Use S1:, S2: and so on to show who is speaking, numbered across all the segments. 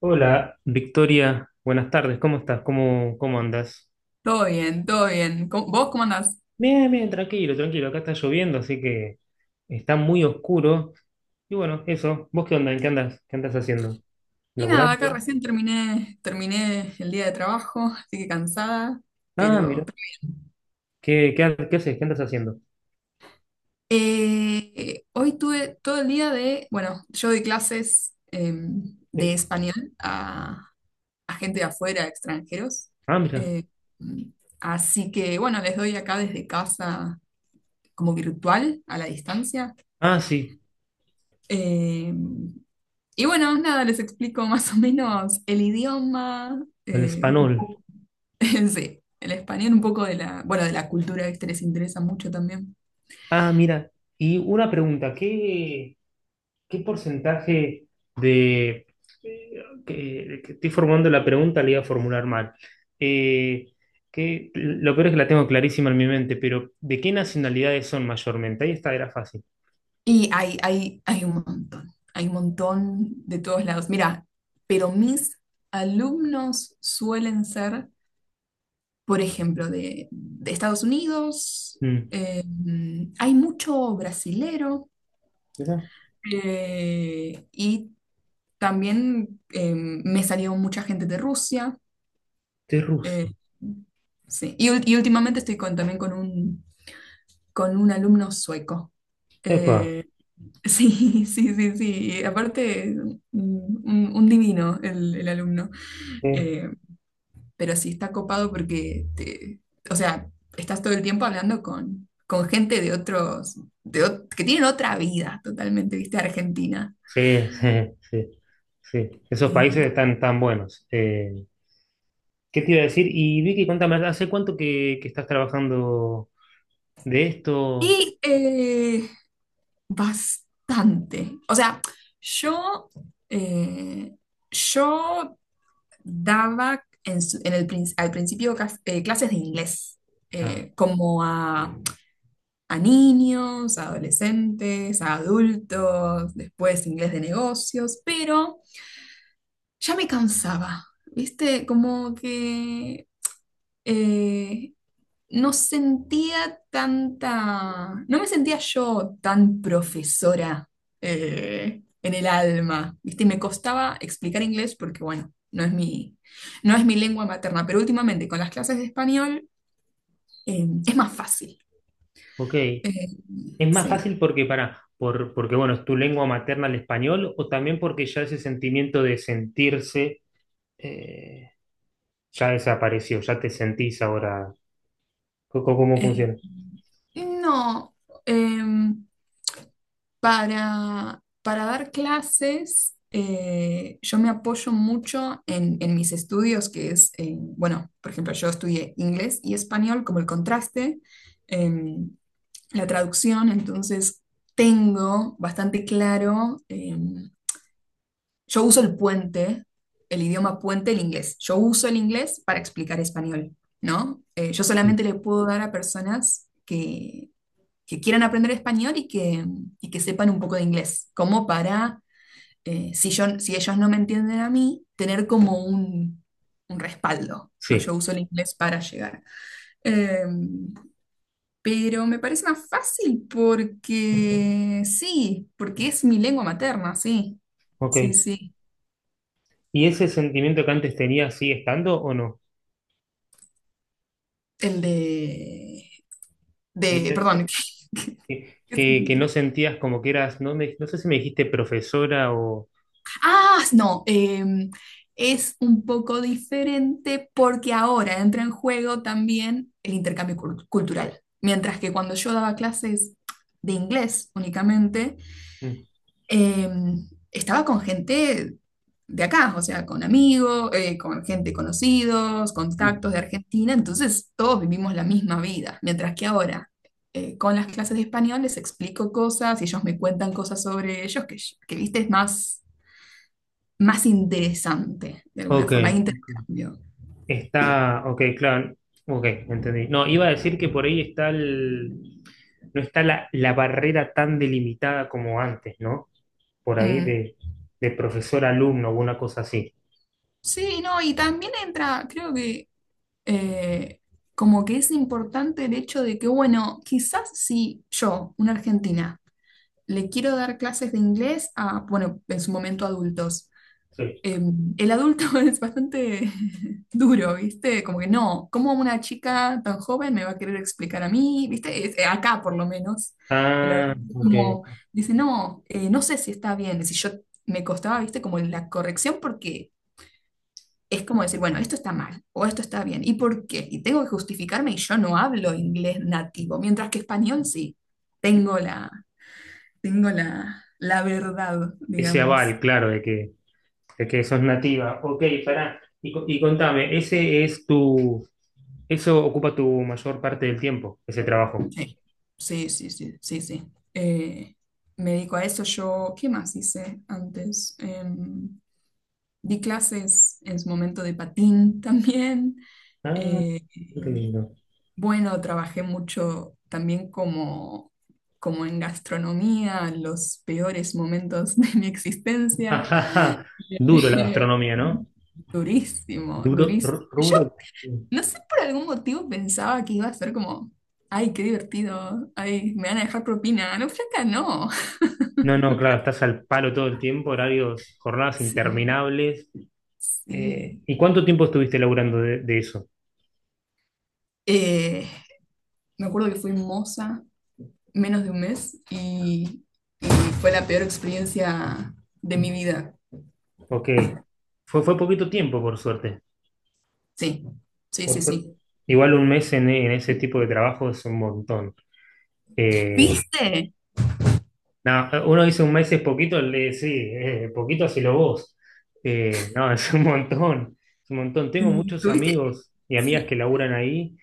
S1: Hola, Victoria, buenas tardes, ¿cómo estás? ¿Cómo andas?
S2: Todo bien, todo bien. ¿Cómo- ¿Vos cómo andás?
S1: Bien, bien, tranquilo, tranquilo, acá está lloviendo, así que está muy oscuro. Y bueno, eso, ¿vos qué onda? ¿En qué andas? ¿Qué andas haciendo?
S2: Y nada,
S1: ¿Laburando?
S2: acá recién terminé, el día de trabajo, así que cansada,
S1: Ah,
S2: pero...
S1: mira, ¿qué haces? ¿Qué andas haciendo?
S2: Hoy tuve todo el día de, bueno, yo doy clases de
S1: Eh,
S2: español a gente de afuera, extranjeros.
S1: Ah, mira,
S2: Eh, así que, bueno, les doy acá desde casa como virtual, a la distancia.
S1: ah, sí,
S2: Em, y bueno, nada, les explico más o menos el idioma,
S1: el
S2: eh,
S1: español.
S2: sí, el español un poco de la, bueno, de la cultura que les interesa mucho también.
S1: Ah, mira, y una pregunta, ¿qué? ¿Qué porcentaje de... que estoy formulando la pregunta, la iba a formular mal. Eh, lo peor es que la tengo clarísima en mi mente, pero ¿de qué nacionalidades son mayormente? Ahí está, era fácil.
S2: Y hay un montón de todos lados. Mira, pero mis alumnos suelen ser, por ejemplo, de Estados Unidos,
S1: Mm,
S2: eh, hay mucho brasilero
S1: mirá,
S2: y también me salió mucha gente de Rusia.
S1: de Rusia.
S2: eh, sí, y, y últimamente estoy con, también con un alumno sueco.
S1: Epa,
S2: Eh, sí, sí, sí, sí. Y aparte, un, un divino el alumno.
S1: eh,
S2: Eh, pero sí está copado porque, te, o sea, estás todo el tiempo hablando con gente de otros, de, que tienen otra vida totalmente, viste, Argentina.
S1: sí, sí, sí, sí. Esos países
S2: Eh,
S1: están tan buenos. ¿Qué te iba a decir? Y Vicky, cuéntame, ¿hace cuánto que estás trabajando de esto?
S2: y eh, bastante. O sea, yo... eh, yo daba en en el al principio clases de inglés,
S1: Ah,
S2: como a niños, a adolescentes, a adultos, después inglés de negocios, pero ya me cansaba, ¿viste? Como que eh, no sentía tanta, no me sentía yo tan profesora en el alma, ¿viste? Y me costaba explicar inglés porque, bueno, no es mi, no es mi lengua materna, pero últimamente con las clases de español es más fácil.
S1: ok.
S2: Eh,
S1: Es más
S2: sí.
S1: fácil porque porque bueno, es tu lengua materna el español, o también porque ya ese sentimiento de sentirse eh, ya desapareció, ya te sentís ahora. ¿Cómo
S2: Eh,
S1: funciona?
S2: no. eh, para dar clases, yo me apoyo mucho en mis estudios, que es, bueno, por ejemplo, yo estudié inglés y español como el contraste, em, la traducción, entonces tengo bastante claro, yo uso el puente, el idioma puente, el inglés. Yo uso el inglés para explicar español, ¿no? Yo
S1: Sí.
S2: solamente le puedo dar a personas que quieran aprender español y que sepan un poco de inglés, como para, si yo, si ellos no me entienden a mí, tener como un respaldo, ¿no? Yo
S1: Sí,
S2: uso el inglés para llegar. Eh, pero me parece más fácil porque sí, porque es mi lengua materna, sí,
S1: ok.
S2: sí, sí.
S1: ¿Y ese sentimiento que antes tenías sigue estando o no?
S2: El
S1: Que, me
S2: de,
S1: habías dicho
S2: perdón, qué- qué
S1: que no
S2: sentimiento?
S1: sentías como que eras, no, me- no sé si me dijiste profesora o.
S2: Ah, no, es un poco diferente porque ahora entra en juego también el intercambio cultural. Mientras que cuando yo daba clases de inglés únicamente,
S1: Mm,
S2: estaba con gente de acá, o sea, con amigos, con gente conocidos,
S1: mm.
S2: contactos de Argentina, entonces todos vivimos la misma vida. Mientras que ahora... con las clases de español les explico cosas y ellos me cuentan cosas sobre ellos que viste, es más más interesante, de alguna
S1: Ok,
S2: forma, hay
S1: ok.
S2: intercambio.
S1: Está, ok, claro. Ok, entendí. No, iba a decir que por ahí está el, no está la barrera tan delimitada como antes, ¿no? Por ahí
S2: Mm.
S1: de profesor-alumno o una cosa así.
S2: Sí, no, y también entra, creo que eh, como que es importante el hecho de que, bueno, quizás si yo, una argentina, le quiero dar clases de inglés a, bueno, en su momento adultos,
S1: Sí.
S2: el adulto es bastante duro, ¿viste? Como que no, ¿cómo una chica tan joven me va a querer explicar a mí? ¿Viste? Acá por lo menos, el
S1: Ah,
S2: adulto es
S1: ok.
S2: como dice, no, no sé si está bien, si yo me costaba, ¿viste? Como la corrección porque es como decir, bueno, esto está mal o esto está bien, ¿y por qué? Y tengo que justificarme y yo no hablo inglés nativo, mientras que español sí, tengo la, tengo la, la verdad,
S1: Ese
S2: digamos.
S1: aval, claro, de que sos nativa. Ok, pará. Y, co- y contame, ese es tu, eso ocupa tu mayor parte del tiempo, ese trabajo.
S2: Sí, sí, sí, sí, sí, sí. Eh, me dedico a eso. Yo, ¿qué más hice antes? Di clases en su momento de patín también.
S1: Ah,
S2: Eh,
S1: qué
S2: eh,
S1: lindo.
S2: bueno, trabajé mucho también como, como en gastronomía, los peores momentos de mi existencia.
S1: Ajaja, duro la
S2: Eh,
S1: gastronomía, ¿no?
S2: durísimo,
S1: Duro, ru-
S2: durísimo.
S1: rubro.
S2: Yo no sé, por algún motivo pensaba que iba a ser como, ay, qué divertido, ay, me van a dejar propina. No, flaca, no.
S1: No, no, claro, estás al palo todo el tiempo, horarios, jornadas
S2: Sí,
S1: interminables.
S2: sí.
S1: ¿Y cuánto tiempo estuviste laburando de eso?
S2: Eh, me acuerdo que fui moza menos de un mes y fue la peor experiencia de mi vida.
S1: Ok. Fue poquito tiempo, por suerte.
S2: Sí, sí,
S1: Por
S2: sí,
S1: suerte.
S2: sí.
S1: Igual un mes en ese tipo de trabajo es un montón. Eh,
S2: ¿Viste?
S1: nada, uno dice un mes es poquito, le- sí, poquito hacelo vos. No, es un montón, es un montón. Tengo
S2: Mm,
S1: muchos
S2: ¿tuviste?
S1: amigos y amigas que
S2: Sí.
S1: laburan ahí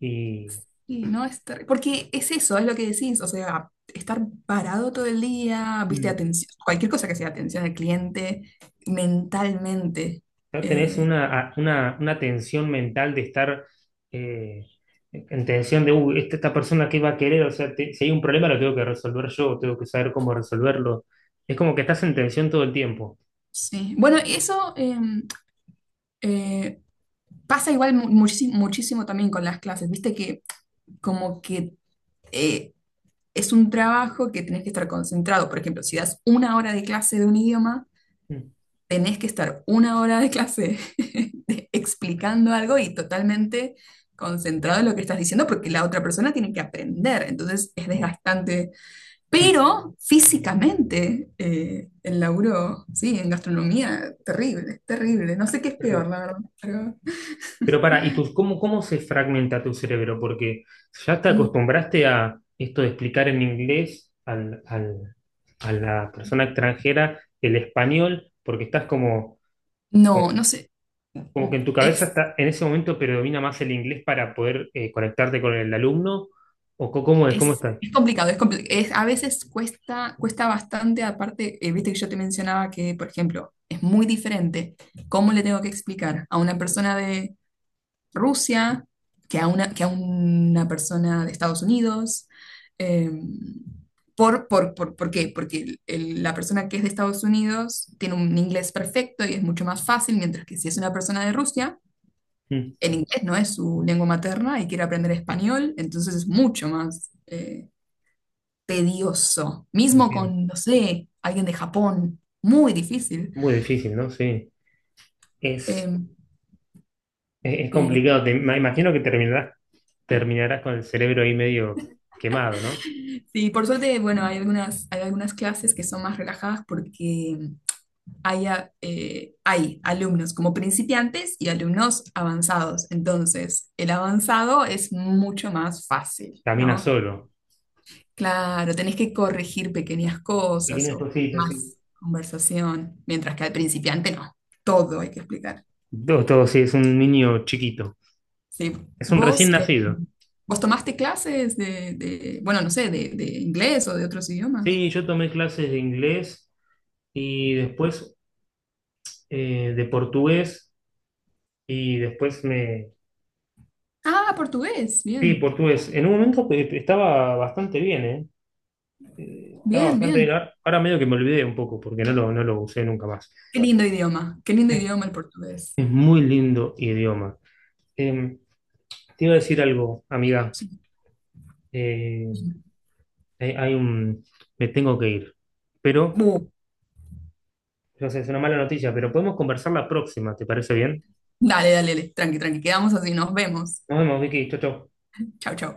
S1: y...
S2: Sí, no es porque es eso, es lo que decís, o sea, estar parado todo el día, viste,
S1: mm,
S2: atención, cualquier cosa que sea atención al cliente, mentalmente.
S1: no tenés
S2: eh,
S1: una tensión mental de estar eh, en tensión de, "Uy, esta persona qué va a querer, o sea, te- si hay un problema lo tengo que resolver yo, tengo que saber cómo resolverlo. Es como que estás en tensión todo el tiempo.
S2: sí. Bueno, eso eh, pasa igual muchísimo, muchísimo también con las clases, viste que como que eh, es un trabajo que tenés que estar concentrado. Por ejemplo, si das una hora de clase de un idioma,
S1: Mm,
S2: tenés que estar una hora de clase de- explicando algo y totalmente concentrado en lo que estás diciendo porque la otra persona tiene que aprender, entonces es desgastante.
S1: mm,
S2: Pero físicamente, el laburo, sí, en gastronomía, terrible, terrible. No sé qué
S1: es
S2: es peor,
S1: terrible.
S2: la verdad, pero-
S1: Pero para, ¿y tus, cómo se fragmenta tu cerebro? Porque ya te
S2: mm,
S1: acostumbraste a esto de explicar en inglés a la persona extranjera el español, porque estás como.
S2: no, no sé.
S1: Como que en tu cabeza
S2: Es,
S1: está, en ese momento predomina más el inglés para poder conectarte con el alumno, o co- cómo es, cómo está.
S2: Es complicado, es a veces cuesta, cuesta bastante, aparte, viste que yo te mencionaba que, por ejemplo, es muy diferente cómo le tengo que explicar a una persona de Rusia que a una persona de Estados Unidos. eh, ¿Por qué? Porque la persona que es de Estados Unidos tiene un inglés perfecto y es mucho más fácil, mientras que si es una persona de Rusia,
S1: Mm,
S2: el inglés no es su lengua materna y quiere aprender español, entonces es mucho más... tedioso. Mismo
S1: entiendo.
S2: con, no sé, alguien de Japón. Muy difícil.
S1: Muy difícil, ¿no? Sí. Es,
S2: Em,
S1: es
S2: pero
S1: complicado. Te- me imagino que terminarás, terminarás con el cerebro ahí medio quemado, ¿no?
S2: sí, por suerte, bueno, hay algunas clases que son más relajadas porque hay, hay alumnos como principiantes y alumnos avanzados. Entonces, el avanzado es mucho más fácil,
S1: Caminas
S2: ¿no?
S1: solo.
S2: Claro, tenés que corregir pequeñas cosas
S1: Pequeñas
S2: o
S1: cositas, sí.
S2: más conversación, mientras que al principiante no. Todo hay que explicar.
S1: Todo, todo, sí, es un niño chiquito.
S2: Sí.
S1: Es un
S2: ¿Vos,
S1: recién nacido.
S2: vos tomaste clases de, bueno, no sé, de inglés o de otros idiomas?
S1: Sí, yo tomé clases de inglés y después de portugués y después me.
S2: Ah, portugués.
S1: Sí,
S2: Bien,
S1: portugués. En un momento estaba bastante bien, ¿eh? Estaba
S2: bien,
S1: bastante bien.
S2: bien.
S1: Ahora medio que me olvidé un poco porque no lo, no lo usé nunca más.
S2: Qué lindo idioma. Qué lindo
S1: Es,
S2: idioma el portugués.
S1: es muy lindo idioma. Eh, te iba a decir algo, amiga.
S2: Sí.
S1: Eh, hay un... Me tengo que ir. Pero,
S2: Uh,
S1: no sé, es una mala noticia, pero podemos conversar la próxima, ¿te parece bien?
S2: dale, dale, dale. Tranqui, tranqui. Quedamos así. Nos vemos.
S1: Nos vemos, Vicky. Chau, chau.
S2: Chau, chau.